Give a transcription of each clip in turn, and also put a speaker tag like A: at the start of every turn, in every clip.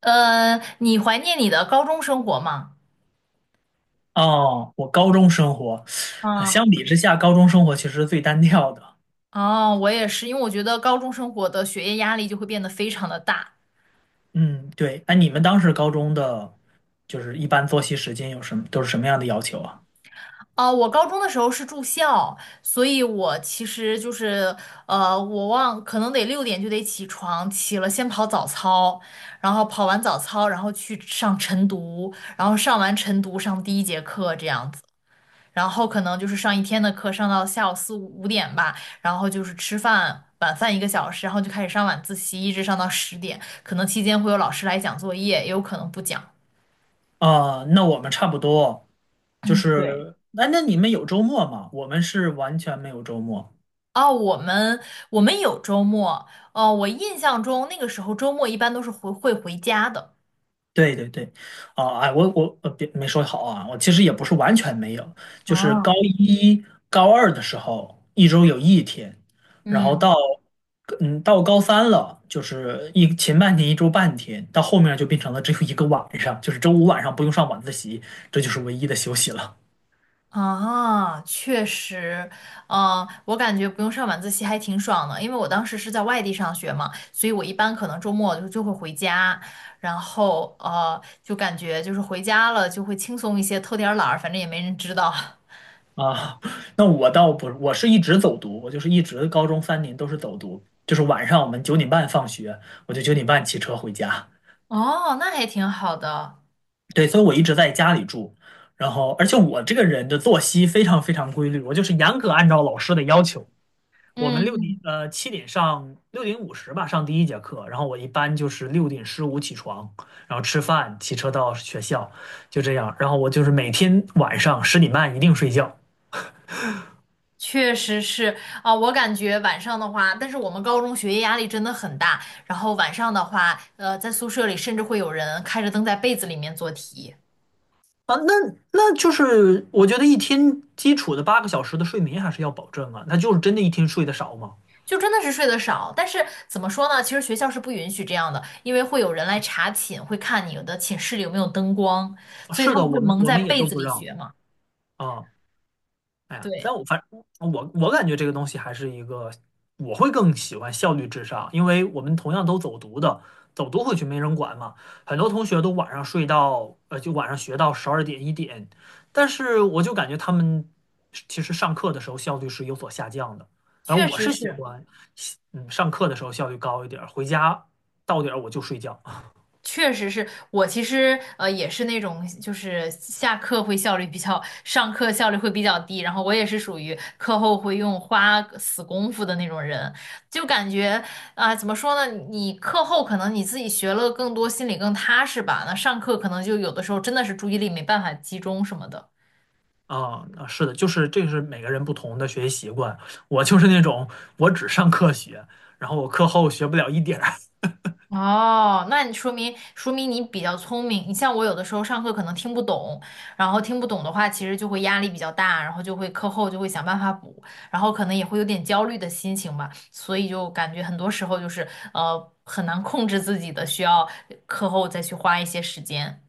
A: 你怀念你的高中生活吗？
B: 哦，我高中生活，
A: 嗯。
B: 相比之下，高中生活其实最单调的。
A: 哦，我也是，因为我觉得高中生活的学业压力就会变得非常的大。
B: 嗯，对。哎，你们当时高中的，就是一般作息时间有什么，都是什么样的要求啊？
A: 哦，我高中的时候是住校，所以我其实就是，我忘，可能得6点就得起床，起了先跑早操，然后跑完早操，然后去上晨读，然后上完晨读上第一节课这样子。然后可能就是上一天的课，上到下午5点吧，然后就是吃饭，晚饭1个小时，然后就开始上晚自习，一直上到10点。可能期间会有老师来讲作业，也有可能不讲。
B: 啊，那我们差不多，就
A: 对。
B: 是，那你们有周末吗？我们是完全没有周末。
A: 哦，我们有周末，哦，我印象中那个时候周末一般都是回家的。
B: 对对对，啊、哎，我别没说好啊，我其实也不是完全没有，就是高
A: 哦。
B: 一高二的时候，一周有一天，然后
A: 嗯。
B: 到到高三了，就是一前半天一周半天，到后面就变成了只有一个晚上，就是周五晚上不用上晚自习，这就是唯一的休息了
A: 啊，确实。嗯、我感觉不用上晚自习还挺爽的，因为我当时是在外地上学嘛，所以我一般可能周末就会回家，然后就感觉就是回家了就会轻松一些，偷点儿懒儿，反正也没人知道。
B: 啊。那我倒不，我是一直走读，我就是一直高中3年都是走读，就是晚上我们九点半放学，我就九点半骑车回家。
A: 哦，那还挺好的。
B: 对，所以我一直在家里住，然后而且我这个人的作息非常非常规律，我就是严格按照老师的要求。我们六
A: 嗯，
B: 点7点上6:50吧上第一节课，然后我一般就是6:15起床，然后吃饭，骑车到学校，就这样。然后我就是每天晚上10:30一定睡觉
A: 确实是。啊，我感觉晚上的话，但是我们高中学业压力真的很大，然后晚上的话，在宿舍里甚至会有人开着灯在被子里面做题。
B: 啊，那就是我觉得一天基础的8个小时的睡眠还是要保证啊，那就是真的一天睡得少吗？
A: 就真的是睡得少，但是怎么说呢？其实学校是不允许这样的，因为会有人来查寝，会看你的寝室里有没有灯光，
B: 啊
A: 所以
B: 是
A: 他
B: 的，
A: 们会
B: 我们
A: 蒙
B: 我
A: 在
B: 们也
A: 被
B: 都
A: 子
B: 不
A: 里
B: 让。
A: 学嘛。
B: 啊，哎呀，
A: 对，
B: 但我反我感觉这个东西还是一个，我会更喜欢效率至上，因为我们同样都走读的，走读回去没人管嘛，很多同学都晚上睡到，就晚上学到12点1点，但是我就感觉他们其实上课的时候效率是有所下降的，然后
A: 确
B: 我
A: 实
B: 是喜
A: 是。
B: 欢，上课的时候效率高一点儿回家到点儿我就睡觉。
A: 确实是我其实也是那种就是下课会效率比较，上课效率会比较低，然后我也是属于课后会用花死功夫的那种人，就感觉啊、怎么说呢，你课后可能你自己学了更多，心里更踏实吧，那上课可能就有的时候真的是注意力没办法集中什么的。
B: 啊，啊是的，就是这个是每个人不同的学习习惯。我就是那种我只上课学，然后我课后学不了一点儿，
A: 哦，那你说明你比较聪明。你像我有的时候上课可能听不懂，然后听不懂的话，其实就会压力比较大，然后就会课后就会想办法补，然后可能也会有点焦虑的心情吧，所以就感觉很多时候就是很难控制自己的，需要课后再去花一些时间。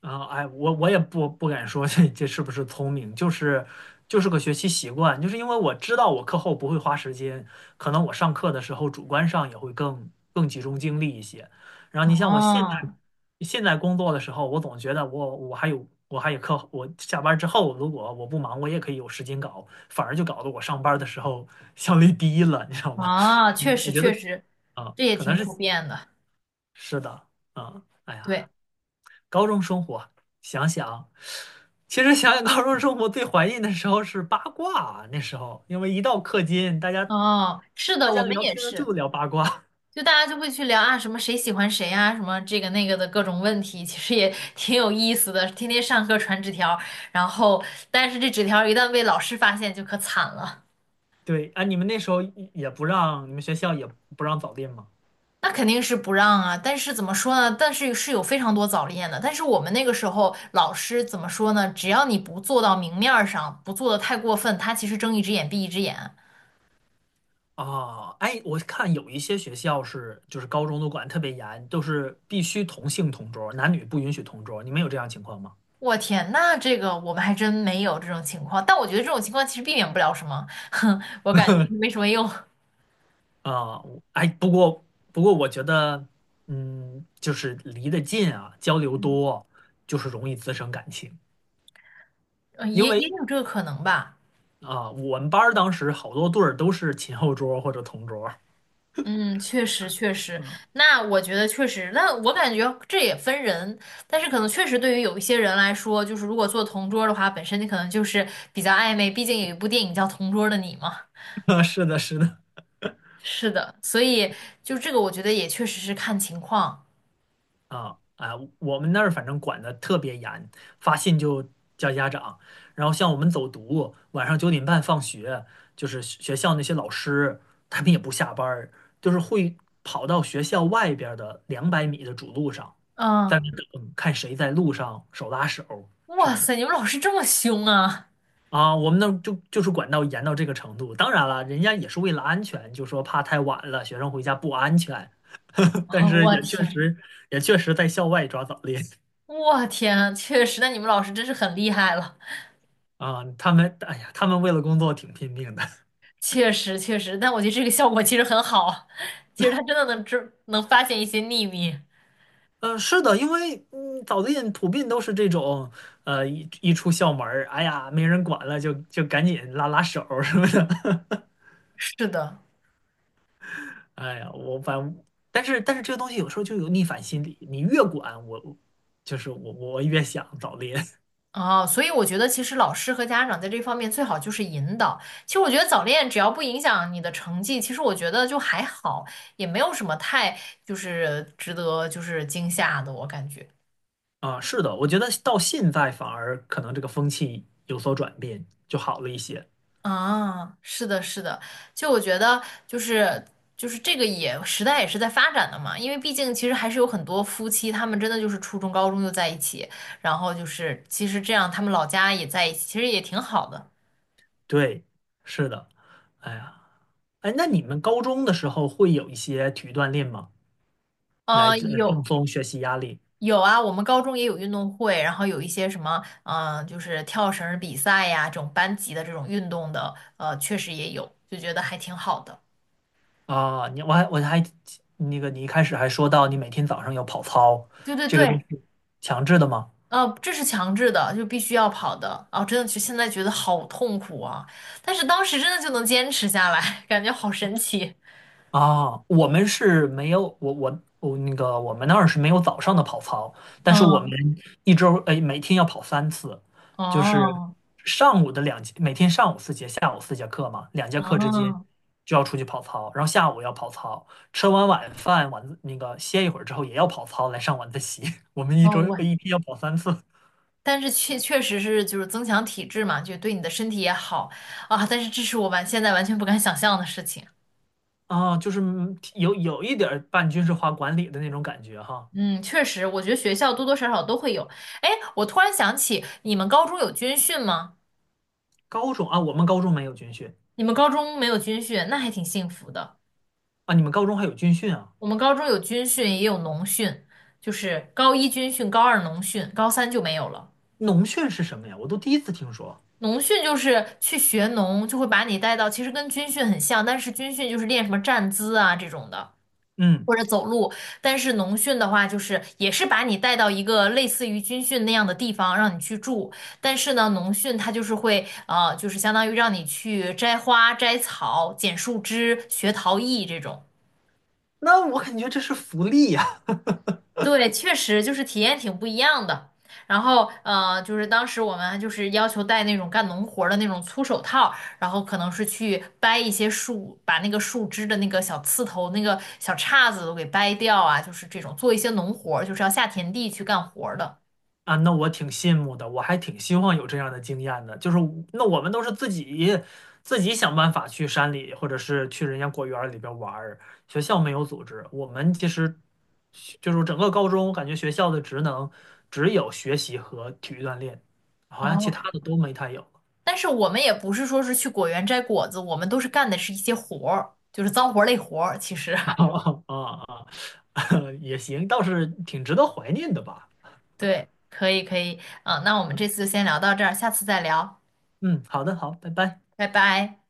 B: 啊，哎，我也不敢说这是不是聪明，就是就是个学习习惯，就是因为我知道我课后不会花时间，可能我上课的时候主观上也会更集中精力一些。然后你像我现在
A: 哦。
B: 现在工作的时候，我总觉得我我还有我还有课后我下班之后如果我不忙，我也可以有时间搞，反而就搞得我上班的时候效率低了，你知道吗？
A: 啊，确
B: 我
A: 实
B: 觉得
A: 确实，
B: 啊，
A: 这也
B: 可能
A: 挺
B: 是
A: 普遍的。
B: 是的啊，哎呀。
A: 对。
B: 高中生活，想想，其实想想高中生活最怀念的时候是八卦啊，那时候因为一到课间，
A: 哦，是
B: 大
A: 的，
B: 家
A: 我们
B: 聊
A: 也
B: 天儿
A: 是。
B: 就聊八卦。
A: 就大家就会去聊啊，什么谁喜欢谁啊，什么这个那个的各种问题，其实也 挺有意思的。天天上课传纸条，然后但是这纸条一旦被老师发现，就可惨了。
B: 对，哎，你们那时候也不让，你们学校也不让早恋吗？
A: 那肯定是不让啊，但是怎么说呢？但是是有非常多早恋的，但是我们那个时候老师怎么说呢？只要你不做到明面儿上，不做的太过分，他其实睁一只眼闭一只眼。
B: 啊，哎，我看有一些学校是就是高中都管得特别严，都是必须同性同桌，男女不允许同桌。你们有这样情况吗？
A: 我天，那这个我们还真没有这种情况，但我觉得这种情况其实避免不了什么，哼，我感觉就是没什么用。
B: 啊，我哎，不过，我觉得，就是离得近啊，交流多，就是容易滋生感情。因
A: 也
B: 为
A: 有这个可能吧。
B: 啊，我们班儿当时好多对儿都是前后桌儿或者同桌儿。
A: 嗯，确实确实，那我觉得确实，那我感觉这也分人，但是可能确实对于有一些人来说，就是如果做同桌的话，本身你可能就是比较暧昧，毕竟有一部电影叫《同桌的你》嘛。
B: 啊是的，是的，
A: 是的，所以就这个，我觉得也确实是看情况。
B: 啊啊，我们那儿反正管得特别严，发信就叫家长。然后像我们走读，晚上九点半放学，就是学校那些老师他们也不下班儿，就是会跑到学校外边儿的200米的主路上，在
A: 嗯。
B: 那等看谁在路上手拉手什
A: 哇
B: 么的
A: 塞，你们老师这么凶啊！
B: 啊。我们那儿就是管到严到这个程度。当然了，人家也是为了安全，就说怕太晚了，学生回家不安全。但
A: 啊，
B: 是
A: 我天，
B: 也确实在校外抓早恋。
A: 我天，确实，那你们老师真是很厉害了。
B: 啊，他们，哎呀，他们为了工作挺拼命的。
A: 确实确实，但我觉得这个效果其实很好，其实他真的能发现一些秘密。
B: 嗯，是的，因为嗯，早恋普遍都是这种，一出校门儿，哎呀，没人管了，就赶紧拉拉手儿什么的。
A: 是的。
B: 哎呀，我反正，但是这个东西有时候就有逆反心理，你越管我，我越想早恋。
A: 啊，所以我觉得其实老师和家长在这方面最好就是引导。其实我觉得早恋只要不影响你的成绩，其实我觉得就还好，也没有什么太就是值得就是惊吓的，我感觉。
B: 啊。是的，我觉得到现在反而可能这个风气有所转变，就好了一些。
A: 啊，是的，是的，就我觉得就是这个也时代也是在发展的嘛，因为毕竟其实还是有很多夫妻，他们真的就是初中、高中就在一起，然后就是其实这样他们老家也在一起，其实也挺好的。
B: 对，是的，哎呀，哎，那你们高中的时候会有一些体育锻炼吗？来
A: 呃，
B: 这
A: 有
B: 放松学习压力
A: 有啊，我们高中也有运动会，然后有一些什么，嗯、就是跳绳儿比赛呀，这种班级的这种运动的，确实也有，就觉得还挺好的。
B: 啊。你我还那个，你一开始还说到你每天早上有跑操，
A: 对对
B: 这个都
A: 对。
B: 是强制的吗？
A: 这是强制的，就必须要跑的。哦，真的就现在觉得好痛苦啊，但是当时真的就能坚持下来，感觉好神奇。
B: 啊，我们是没有我那个我们那儿是没有早上的跑操，但是我们
A: 嗯。
B: 一周哎每天要跑三次，就是
A: 哦，
B: 上午的两节，每天上午四节，下午4节课嘛，2节课之间
A: 哦，
B: 就要出去跑操，然后下午要跑操，吃完晚饭晚自那个歇一会儿之后也要跑操来上晚自习。我们一
A: 哦。
B: 周一天要跑3次
A: 但是确实是就是增强体质嘛，就对你的身体也好啊。但是这是我现在完全不敢想象的事情。
B: 啊，就是有一点儿半军事化管理的那种感觉哈。
A: 嗯，确实，我觉得学校多多少少都会有。哎，我突然想起，你们高中有军训吗？
B: 高中啊，我们高中没有军训
A: 你们高中没有军训，那还挺幸福的。
B: 啊，你们高中还有军训啊？
A: 我们高中有军训，也有农训，就是高一军训，高二农训，高三就没有了。
B: 农训是什么呀？我都第一次听说。
A: 农训就是去学农，就会把你带到，其实跟军训很像，但是军训就是练什么站姿啊这种的，
B: 嗯，
A: 或者走路。但是农训的话，就是也是把你带到一个类似于军训那样的地方，让你去住。但是呢，农训它就是会，就是相当于让你去摘花、摘草、剪树枝、学陶艺这种。
B: 那我感觉这是福利呀！
A: 对，确实就是体验挺不一样的。然后，就是当时我们就是要求戴那种干农活儿的那种粗手套，然后可能是去掰一些树，把那个树枝的那个小刺头、那个小叉子都给掰掉啊，就是这种做一些农活儿，就是要下田地去干活儿的。
B: 啊，那我挺羡慕的，我还挺希望有这样的经验的。就是那我们都是自己想办法去山里，或者是去人家果园里边玩儿。学校没有组织，我们其实就是整个高中，我感觉学校的职能只有学习和体育锻炼，好像其
A: 哦，
B: 他的都没太有。
A: 但是我们也不是说是去果园摘果子，我们都是干的是一些活儿，就是脏活儿累活儿。其实，
B: 啊啊啊！也行，倒是挺值得怀念的吧。
A: 对，可以可以，嗯，那我们
B: 嗯，
A: 这次就先聊到这儿，下次再聊，
B: 嗯，好的，好，拜拜。
A: 拜拜。